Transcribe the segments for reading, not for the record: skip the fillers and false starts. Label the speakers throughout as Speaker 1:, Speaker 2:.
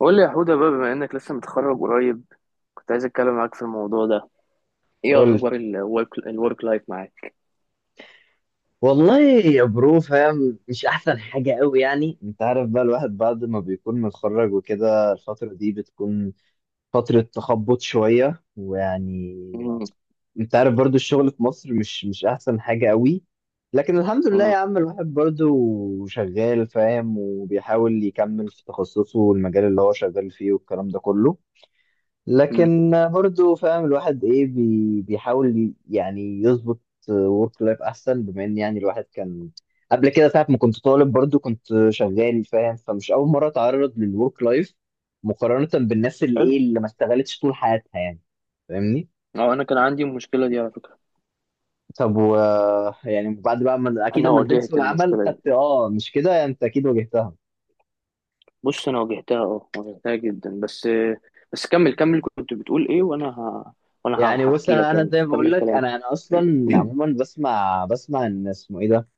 Speaker 1: قول لي يا حودة بقى، بما انك لسه متخرج قريب، كنت عايز اتكلم معاك في الموضوع ده. ايه
Speaker 2: قول.
Speaker 1: اخبار الورك لايف معاك؟
Speaker 2: والله يا برو فاهم، مش احسن حاجه قوي. يعني انت عارف بقى الواحد بعد ما بيكون متخرج وكده الفترة دي بتكون فترة تخبط شوية، ويعني
Speaker 1: مم،
Speaker 2: انت عارف برضو الشغل في مصر مش احسن حاجة قوي. لكن الحمد لله
Speaker 1: مم،
Speaker 2: يا عم الواحد برضو شغال، فاهم، وبيحاول يكمل في تخصصه والمجال اللي هو شغال فيه والكلام ده كله.
Speaker 1: مم.
Speaker 2: لكن برضه فاهم الواحد ايه، بيحاول يعني يظبط ورك لايف احسن، بما ان يعني الواحد كان قبل كده ساعة ما كنت طالب برضه كنت شغال، فاهم، فمش اول مرة اتعرض للورك لايف مقارنة بالناس اللي
Speaker 1: حلو.
Speaker 2: ايه، اللي ما اشتغلتش طول حياتها يعني. فاهمني؟
Speaker 1: اه، انا كان عندي المشكله دي على فكره.
Speaker 2: طب و يعني بعد بقى ما، اكيد
Speaker 1: انا
Speaker 2: لما نزلت
Speaker 1: واجهت
Speaker 2: سوق العمل
Speaker 1: المشكله دي.
Speaker 2: خدت اه مش كده، يعني انت اكيد واجهتها.
Speaker 1: بص، انا واجهتها، اه، واجهتها جدا. بس بس، كمل. كنت بتقول ايه وانا
Speaker 2: يعني بص،
Speaker 1: هحكي
Speaker 2: انا
Speaker 1: لك
Speaker 2: انا
Speaker 1: يعني،
Speaker 2: زي
Speaker 1: بس
Speaker 2: ما بقول
Speaker 1: كمل
Speaker 2: لك، انا
Speaker 1: كلامك.
Speaker 2: انا اصلا عموما بسمع، بسمع ان اسمه ايه ده،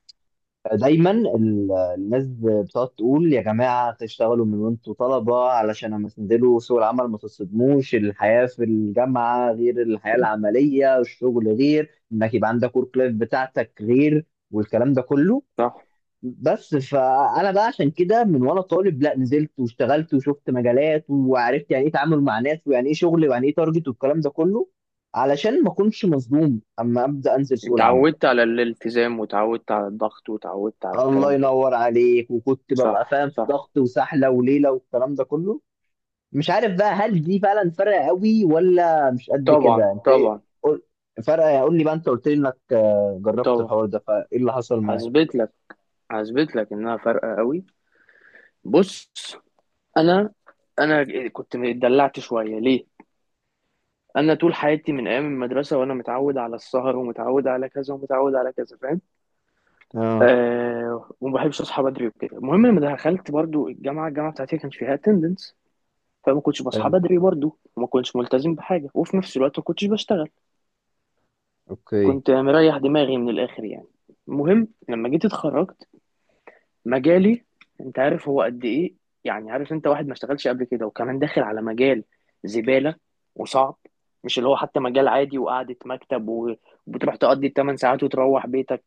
Speaker 2: دايما الناس بتقعد تقول يا جماعه تشتغلوا من وانتوا طلبه، علشان اما تنزلوا سوق العمل ما تصدموش. الحياه في الجامعه غير الحياه العمليه، الشغل غير انك يبقى عندك ورك لايف بتاعتك، غير والكلام ده كله.
Speaker 1: صح.
Speaker 2: بس فانا بقى عشان كده من وانا طالب، لا نزلت واشتغلت وشفت مجالات وعرفت يعني ايه تعامل مع ناس، ويعني ايه شغل، ويعني ايه تارجت، والكلام ده كله، علشان ما اكونش مصدوم اما ابدا انزل سوق العمل.
Speaker 1: اتعودت على الالتزام وتعودت على الضغط وتعودت على
Speaker 2: الله
Speaker 1: الكلام ده.
Speaker 2: ينور عليك. وكنت ببقى
Speaker 1: صح،
Speaker 2: فاهم في
Speaker 1: صح.
Speaker 2: ضغط وسحله وليله والكلام ده كله. مش عارف بقى هل دي فعلا فارقه قوي ولا مش قد
Speaker 1: طبعا،
Speaker 2: كده؟ انت ايه؟
Speaker 1: طبعا،
Speaker 2: قول. فارقه. قول لي بقى، انت قلت لي انك جربت
Speaker 1: طبعا.
Speaker 2: الحوار ده، فايه اللي حصل معاك؟
Speaker 1: هثبت لك، هثبت لك انها فارقه قوي. بص، انا انا كنت اتدلعت شويه. ليه؟ انا طول حياتي من ايام المدرسه وانا متعود على السهر ومتعود على كذا ومتعود على كذا، فاهم؟
Speaker 2: اه.
Speaker 1: آه. وما بحبش اصحى بدري وكده. المهم لما دخلت برضو الجامعه، الجامعه بتاعتي كانش فيها اتندنس، فما كنتش بصحى
Speaker 2: حلو.
Speaker 1: بدري برضو وما كنتش ملتزم بحاجه، وفي نفس الوقت ما كنتش بشتغل.
Speaker 2: اوكي.
Speaker 1: كنت مريح دماغي من الاخر يعني. المهم لما جيت اتخرجت، مجالي، انت عارف هو قد ايه؟ يعني عارف، انت واحد ما اشتغلش قبل كده وكمان داخل على مجال زبالة وصعب. مش اللي هو حتى مجال عادي وقعدة مكتب وبتروح تقضي 8 ساعات وتروح بيتك.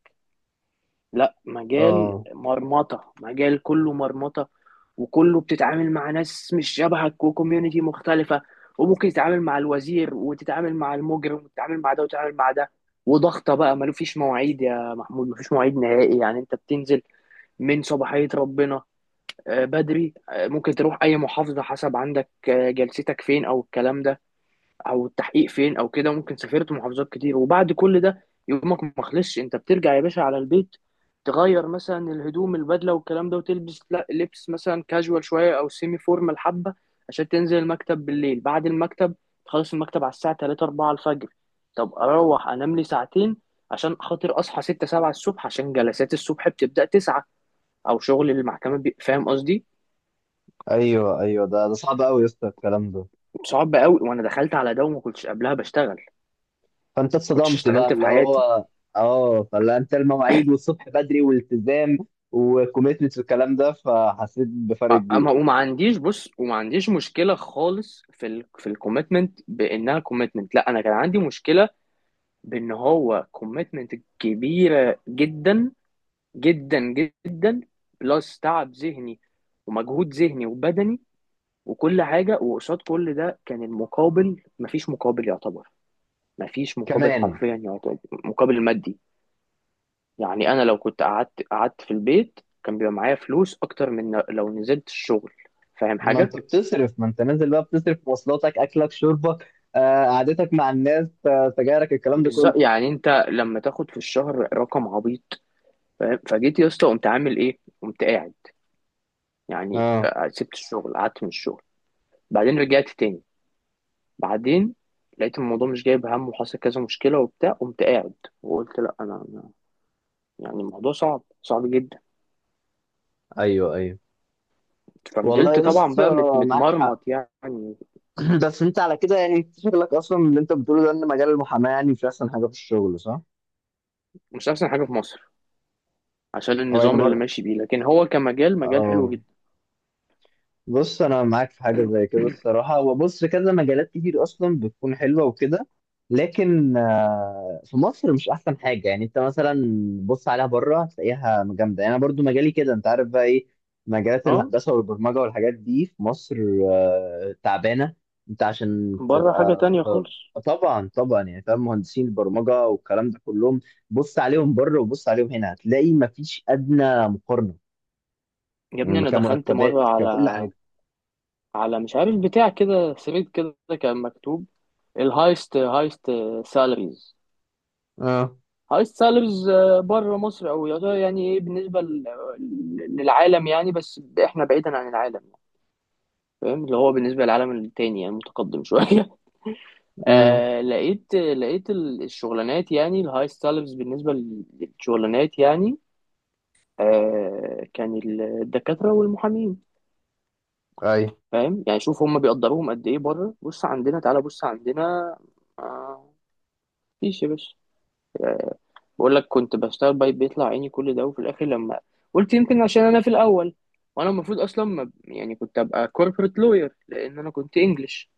Speaker 1: لا، مجال
Speaker 2: اه.
Speaker 1: مرمطة، مجال كله مرمطة. وكله بتتعامل مع ناس مش شبهك وكوميونتي مختلفة. وممكن تتعامل مع الوزير وتتعامل مع المجرم وتتعامل مع ده وتتعامل مع ده. وضغطة بقى، ما فيش مواعيد يا محمود، ما فيش مواعيد نهائي. يعني انت بتنزل من صباحية ربنا آه، بدري آه، ممكن تروح اي محافظه حسب عندك آه، جلستك فين او الكلام ده او التحقيق فين او كده. ممكن سافرت محافظات كتير، وبعد كل ده يومك ما خلصش، انت بترجع يا باشا على البيت تغير مثلا الهدوم، البدله والكلام ده، وتلبس لبس مثلا كاجوال شويه او سيمي فورمال حبه، عشان تنزل المكتب بالليل. بعد المكتب، تخلص المكتب على الساعه 3 4 الفجر. طب اروح انام لي ساعتين عشان خاطر اصحى 6 7 الصبح، عشان جلسات الصبح بتبدا 9، او شغل المحكمه فاهم قصدي؟
Speaker 2: ايوه ايوه، ده صعب قوي يا اسطى الكلام ده.
Speaker 1: صعب قوي، وانا دخلت على ده وما كنتش قبلها بشتغل،
Speaker 2: فانت
Speaker 1: كنتش
Speaker 2: اتصدمت بقى،
Speaker 1: اشتغلت في
Speaker 2: اللي هو
Speaker 1: حياتي.
Speaker 2: اه، فلا انت المواعيد والصبح بدري والالتزام وكوميتمنت والكلام ده، فحسيت بفرق
Speaker 1: اما،
Speaker 2: كبير.
Speaker 1: وما عنديش، بص وما عنديش مشكله خالص في ال في الكوميتمنت بانها كوميتمنت، لا، انا كان عندي مشكله بان هو كوميتمنت كبيره جدا، جدا، جدا. بلس تعب ذهني، ومجهود ذهني وبدني وكل حاجه. وقصاد كل ده كان المقابل مفيش مقابل يعتبر، مفيش مقابل
Speaker 2: كمان؟
Speaker 1: حرفيا يعتبر مقابل مادي. يعني انا لو كنت قعدت في البيت، كان بيبقى معايا فلوس اكتر من لو نزلت الشغل، فاهم
Speaker 2: ما
Speaker 1: حاجه؟
Speaker 2: انت بتصرف، ما انت نازل بقى بتصرف في مواصلاتك، اكلك، شربك، قعدتك مع الناس، سجايرك، الكلام ده كله.
Speaker 1: بالظبط، يعني انت لما تاخد في الشهر رقم عبيط، فاهم؟ فجيت يا اسطى قمت عامل ايه؟ قمت قاعد، يعني
Speaker 2: اه
Speaker 1: آه، سبت الشغل، قعدت من الشغل. بعدين رجعت تاني. بعدين لقيت الموضوع مش جايب هم، وحصل كذا مشكله وبتاع، قمت قاعد وقلت لا، انا يعني الموضوع صعب، صعب جدا.
Speaker 2: ايوه ايوه. والله
Speaker 1: ففضلت
Speaker 2: يا
Speaker 1: طبعا
Speaker 2: اسطى
Speaker 1: بقى
Speaker 2: معاك حق.
Speaker 1: متمرمط يعني.
Speaker 2: بس انت على كده يعني، شغلك اصلا اللي انت بتقوله ده، ان مجال المحاماه يعني مش احسن حاجه في الشغل، صح؟
Speaker 1: مش احسن حاجه في مصر عشان
Speaker 2: او يعني
Speaker 1: النظام اللي ماشي بيه، لكن هو كمجال مجال حلو
Speaker 2: اه،
Speaker 1: جدا.
Speaker 2: بص انا معاك في حاجه زي كده الصراحه. وبص، كذا مجالات كتير اصلا بتكون حلوه وكده، لكن في مصر مش احسن حاجه. يعني انت مثلا بص عليها بره هتلاقيها جامده. يعني انا برضو مجالي كده، انت عارف بقى ايه، مجالات
Speaker 1: اه،
Speaker 2: الهندسه والبرمجه والحاجات دي في مصر تعبانه. انت عشان
Speaker 1: بره حاجة
Speaker 2: تبقى
Speaker 1: تانية
Speaker 2: في،
Speaker 1: خالص.
Speaker 2: طبعا طبعا. يعني فاهم، مهندسين البرمجه والكلام ده كلهم، بص عليهم بره وبص عليهم هنا، هتلاقي مفيش ادنى مقارنه،
Speaker 1: يا ابني
Speaker 2: يعني
Speaker 1: انا دخلت مرة
Speaker 2: كمرتبات، ككل
Speaker 1: على،
Speaker 2: حاجه.
Speaker 1: على مش عارف بتاع كده، ثريد كده كان مكتوب الهايست سالاريز.
Speaker 2: اه.
Speaker 1: هايست سالاريز آه، بره مصر، او يعتبر يعني ايه بالنسبة للعالم يعني. بس احنا بعيدا عن العالم يعني. فاهم، اللي هو بالنسبة للعالم التاني يعني متقدم شوية.
Speaker 2: امم.
Speaker 1: آه، لقيت الشغلانات يعني الهايست سالاريز بالنسبة للشغلانات يعني آه، كان الدكاترة والمحامين،
Speaker 2: اي.
Speaker 1: فاهم يعني؟ شوف هم بيقدروهم قد ايه بره. بص عندنا، تعالى بص عندنا آه، مفيش يا باشا. آه، بقول لك كنت بشتغل بايت بيطلع عيني كل ده، وفي الاخر لما قلت يمكن عشان انا في الاول، وانا المفروض اصلا ما، يعني كنت ابقى كوربريت لوير لان انا كنت انجلش.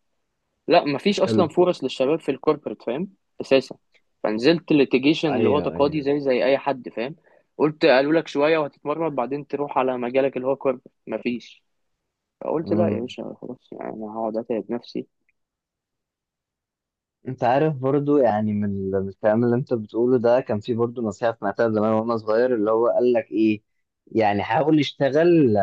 Speaker 1: لا، مفيش
Speaker 2: حلو.
Speaker 1: اصلا فرص للشباب في الكوربريت، فاهم؟ اساسا. فنزلت ليتيجيشن اللي هو
Speaker 2: ايوه
Speaker 1: تقاضي،
Speaker 2: ايوه.
Speaker 1: زي اي حد فاهم. قلت قالوا لك شويه وهتتمرمط بعدين تروح على مجالك اللي هو كوربريت، مفيش. فقلت لا يا
Speaker 2: امم.
Speaker 1: باشا، خلاص يعني انا هقعد اتعب نفسي.
Speaker 2: انت عارف برضو يعني من الكلام اللي انت بتقوله ده، كان في برضو نصيحة سمعتها زمان وانا صغير، اللي هو قال لك ايه، يعني حاول اشتغل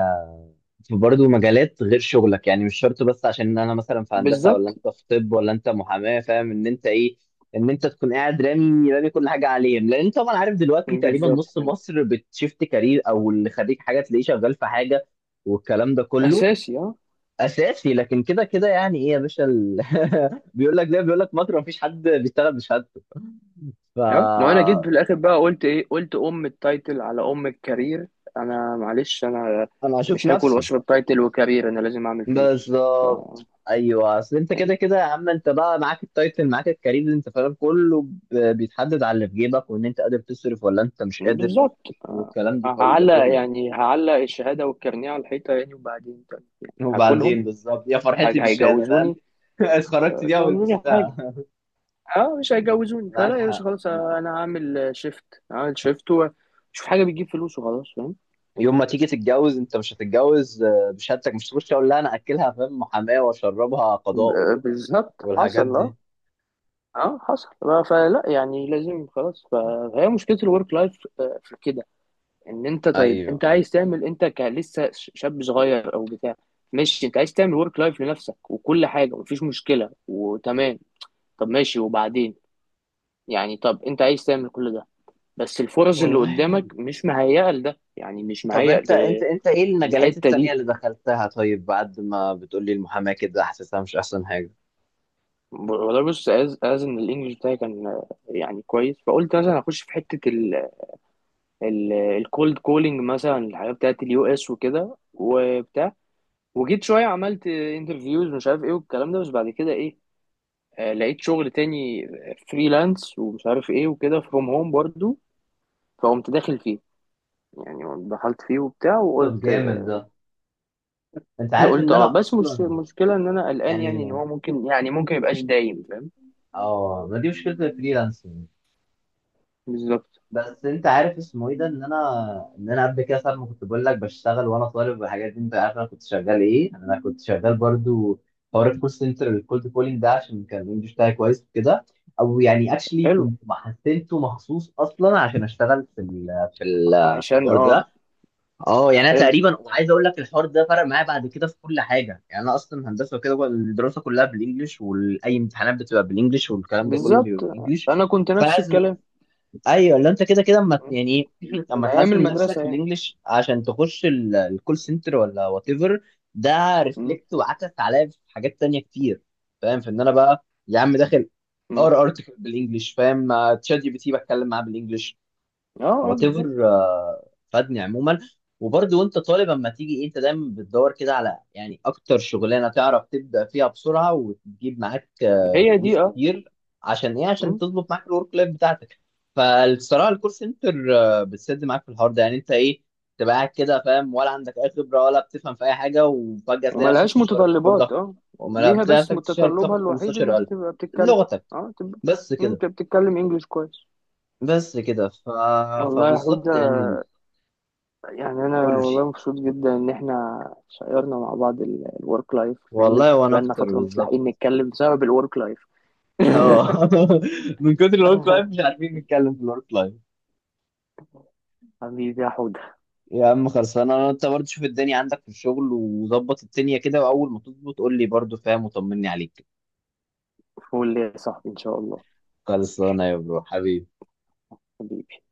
Speaker 2: في برضو مجالات غير شغلك. يعني مش شرط بس عشان انا مثلا في هندسة، ولا
Speaker 1: بالظبط،
Speaker 2: انت في طب، ولا انت محاماة، فاهم، ان انت ايه، ان انت تكون قاعد رامي رامي كل حاجة عليهم، لان انت طبعا عارف دلوقتي تقريبا
Speaker 1: بالظبط
Speaker 2: نص
Speaker 1: كده.
Speaker 2: مصر بتشفت كارير، او اللي خريج حاجة تلاقيه شغال في حاجة والكلام ده كله.
Speaker 1: اساسي، اه،
Speaker 2: اساسي. لكن كده كده يعني ايه يا باشا بيقول لك زي ما بيقول لك مطر، مفيش حد بيشتغل بشهادته. ف
Speaker 1: اه. ما انا جيت في الاخر بقى قلت ايه؟ قلت ام التايتل على ام الكارير. انا معلش، انا
Speaker 2: انا هشوف
Speaker 1: مش هاكل
Speaker 2: نفسي.
Speaker 1: واشرب تايتل وكارير، انا لازم اعمل فلوس. ف...
Speaker 2: بالظبط. ايوه، اصل انت
Speaker 1: يعني
Speaker 2: كده كده يا عم، انت بقى معاك التايتل، معاك الكارير، اللي انت فاهم كله بيتحدد على اللي في جيبك، وان انت قادر تصرف ولا انت مش قادر،
Speaker 1: بالظبط آه،
Speaker 2: والكلام دي كله ده
Speaker 1: هعلق
Speaker 2: كله
Speaker 1: يعني هعلق الشهاده والكارنيه على الحيطه يعني، وبعدين طيب، يعني هاكلهم؟
Speaker 2: وبعدين بالظبط، يا فرحتي بالشهاده، فاهم.
Speaker 1: هيجوزوني؟
Speaker 2: اتخرجت
Speaker 1: مش
Speaker 2: بيها
Speaker 1: هيعملوا لي حاجه.
Speaker 2: ولبستها.
Speaker 1: اه، مش هيجوزوني.
Speaker 2: معاك
Speaker 1: فلا يا باشا،
Speaker 2: حق
Speaker 1: خلاص
Speaker 2: معاك حق.
Speaker 1: انا هعمل شيفت. هعمل شيفت وشوف حاجه بتجيب فلوس وخلاص، فاهم؟
Speaker 2: يوم ما تيجي تتجوز انت مش هتتجوز بشهادتك، مش تخش اقول لا انا اكلها، فاهم، محاماه واشربها قضاء
Speaker 1: بالظبط،
Speaker 2: والحاجات
Speaker 1: حصل، اه.
Speaker 2: دي.
Speaker 1: اه، حصل. فلا يعني، لازم خلاص. فهي مشكله الورك لايف في كده. ان انت، طيب
Speaker 2: ايوه.
Speaker 1: انت عايز تعمل، انت لسه شاب صغير او بتاع، ماشي، انت عايز تعمل ورك لايف لنفسك وكل حاجه ومفيش مشكله وتمام، طب ماشي وبعدين؟ يعني طب انت عايز تعمل كل ده، بس الفرص اللي
Speaker 2: والله.
Speaker 1: قدامك مش مهيئه لده، يعني مش
Speaker 2: طب
Speaker 1: مهيئ.
Speaker 2: انت، انت ايه المجالات
Speaker 1: الحته
Speaker 2: التانية
Speaker 1: دي،
Speaker 2: اللي دخلتها، طيب؟ بعد ما بتقولي المحاماة كده حاسسها مش احسن حاجة.
Speaker 1: والله بص، از ان الانجليش بتاعي كان آه، يعني كويس، فقلت مثلا اخش في حته ال الكولد كولينج مثلا، الحاجات بتاعت اليو اس وكده وبتاع. وجيت شويه عملت انترفيوز ومش عارف ايه والكلام ده، بس بعد كده ايه، آه، لقيت شغل تاني فريلانس ومش عارف ايه وكده، فروم هوم برضو. فقمت داخل فيه يعني، دخلت فيه وبتاع
Speaker 2: طب
Speaker 1: وقلت،
Speaker 2: جامد ده. انت عارف
Speaker 1: قلت
Speaker 2: ان
Speaker 1: اه
Speaker 2: انا
Speaker 1: بس مش
Speaker 2: اصلا
Speaker 1: مشكله، ان انا قلقان
Speaker 2: يعني
Speaker 1: يعني ان هو ممكن، يعني ممكن يبقاش دايم، فاهم؟
Speaker 2: اه، ما دي مشكلة الفريلانسنج.
Speaker 1: بالظبط.
Speaker 2: بس انت عارف اسمه ايه ده، ان انا قبل كده ساعة ما كنت بقول لك بشتغل وانا طالب والحاجات دي، انت عارف انا كنت شغال ايه؟ انا كنت شغال برضو حوار الكول سنتر، الكولد كولينج ده، عشان كان الانجلش بتاعي كويس وكده. او يعني اكشلي
Speaker 1: حلو.
Speaker 2: كنت محسنته مخصوص اصلا عشان اشتغل في ال في
Speaker 1: عشان
Speaker 2: الحوار
Speaker 1: اه.
Speaker 2: ده. اه، يعني انا
Speaker 1: حلو،
Speaker 2: تقريبا عايز اقول لك الحوار ده فرق معايا بعد كده في كل حاجه. يعني انا اصلا هندسه وكده، الدراسه كلها بالانجلش، واي امتحانات بتبقى بالانجلش والكلام ده كله
Speaker 1: بالظبط.
Speaker 2: بيبقى بالانجلش.
Speaker 1: انا كنت نفس الكلام.
Speaker 2: ايوه، اللي انت كده كده اما
Speaker 1: م.
Speaker 2: يعني ايه، اما
Speaker 1: من ايام
Speaker 2: تحسن نفسك
Speaker 1: المدرسه
Speaker 2: في
Speaker 1: يعني.
Speaker 2: الانجليش عشان تخش الكول سنتر ولا وات ايفر، ده
Speaker 1: م.
Speaker 2: ريفلكت وعكس عليا في حاجات تانية كتير، فاهم؟ في ان انا بقى يا عم داخل
Speaker 1: م.
Speaker 2: اقرا ارتكل بالانجلش، فاهم، مع تشات جي بي تي بتكلم معاه بالانجلش،
Speaker 1: اه، اه،
Speaker 2: وات ايفر.
Speaker 1: بالظبط.
Speaker 2: فادني عموما. وبرضه وانت طالب اما تيجي انت دايما بتدور كده على يعني اكتر شغلانه تعرف تبدا فيها بسرعه وتجيب معاك
Speaker 1: هي
Speaker 2: فلوس
Speaker 1: دي، اه.
Speaker 2: كتير، عشان ايه؟ عشان
Speaker 1: م.
Speaker 2: تظبط معاك الورك لايف بتاعتك. فالصراحه الكول سنتر بتسد معاك في الحوار ده. يعني انت ايه، تبقى قاعد كده فاهم، ولا عندك اي خبره، ولا بتفهم في اي حاجه، وفجاه تلاقي نفسك في
Speaker 1: وملهاش
Speaker 2: الشهر بتاخد لك،
Speaker 1: متطلبات، اه،
Speaker 2: وما
Speaker 1: ليها
Speaker 2: بتلاقي
Speaker 1: بس،
Speaker 2: نفسك في الشهر
Speaker 1: متطلبها
Speaker 2: بتاخد
Speaker 1: الوحيد ان انت
Speaker 2: 15,000
Speaker 1: تبقى بتتكلم،
Speaker 2: لغتك.
Speaker 1: اه تبقى،
Speaker 2: بس
Speaker 1: م.
Speaker 2: كده.
Speaker 1: انت بتتكلم انجليش كويس.
Speaker 2: بس كده ف...
Speaker 1: والله يا حوده،
Speaker 2: فبالظبط يعني.
Speaker 1: يعني انا
Speaker 2: قول لي.
Speaker 1: والله مبسوط جدا ان احنا شيرنا مع بعض الورك لايف، لان
Speaker 2: والله وانا
Speaker 1: بقالنا
Speaker 2: اكتر،
Speaker 1: فتره مش
Speaker 2: بالظبط.
Speaker 1: لاحقين نتكلم بسبب الورك لايف.
Speaker 2: اه. من كتر الورك لايف مش عارفين نتكلم في الورك لايف.
Speaker 1: حبيبي يا حوده.
Speaker 2: يا عم خلصانه انا. انت برضه شوف الدنيا عندك في الشغل وظبط الدنيا كده، واول ما تظبط قول لي برضه، فاهم، وطمني عليك.
Speaker 1: فول يا صاحبي ان شاء الله.
Speaker 2: خلصانه يا برو، حبيبي.
Speaker 1: حبيبي.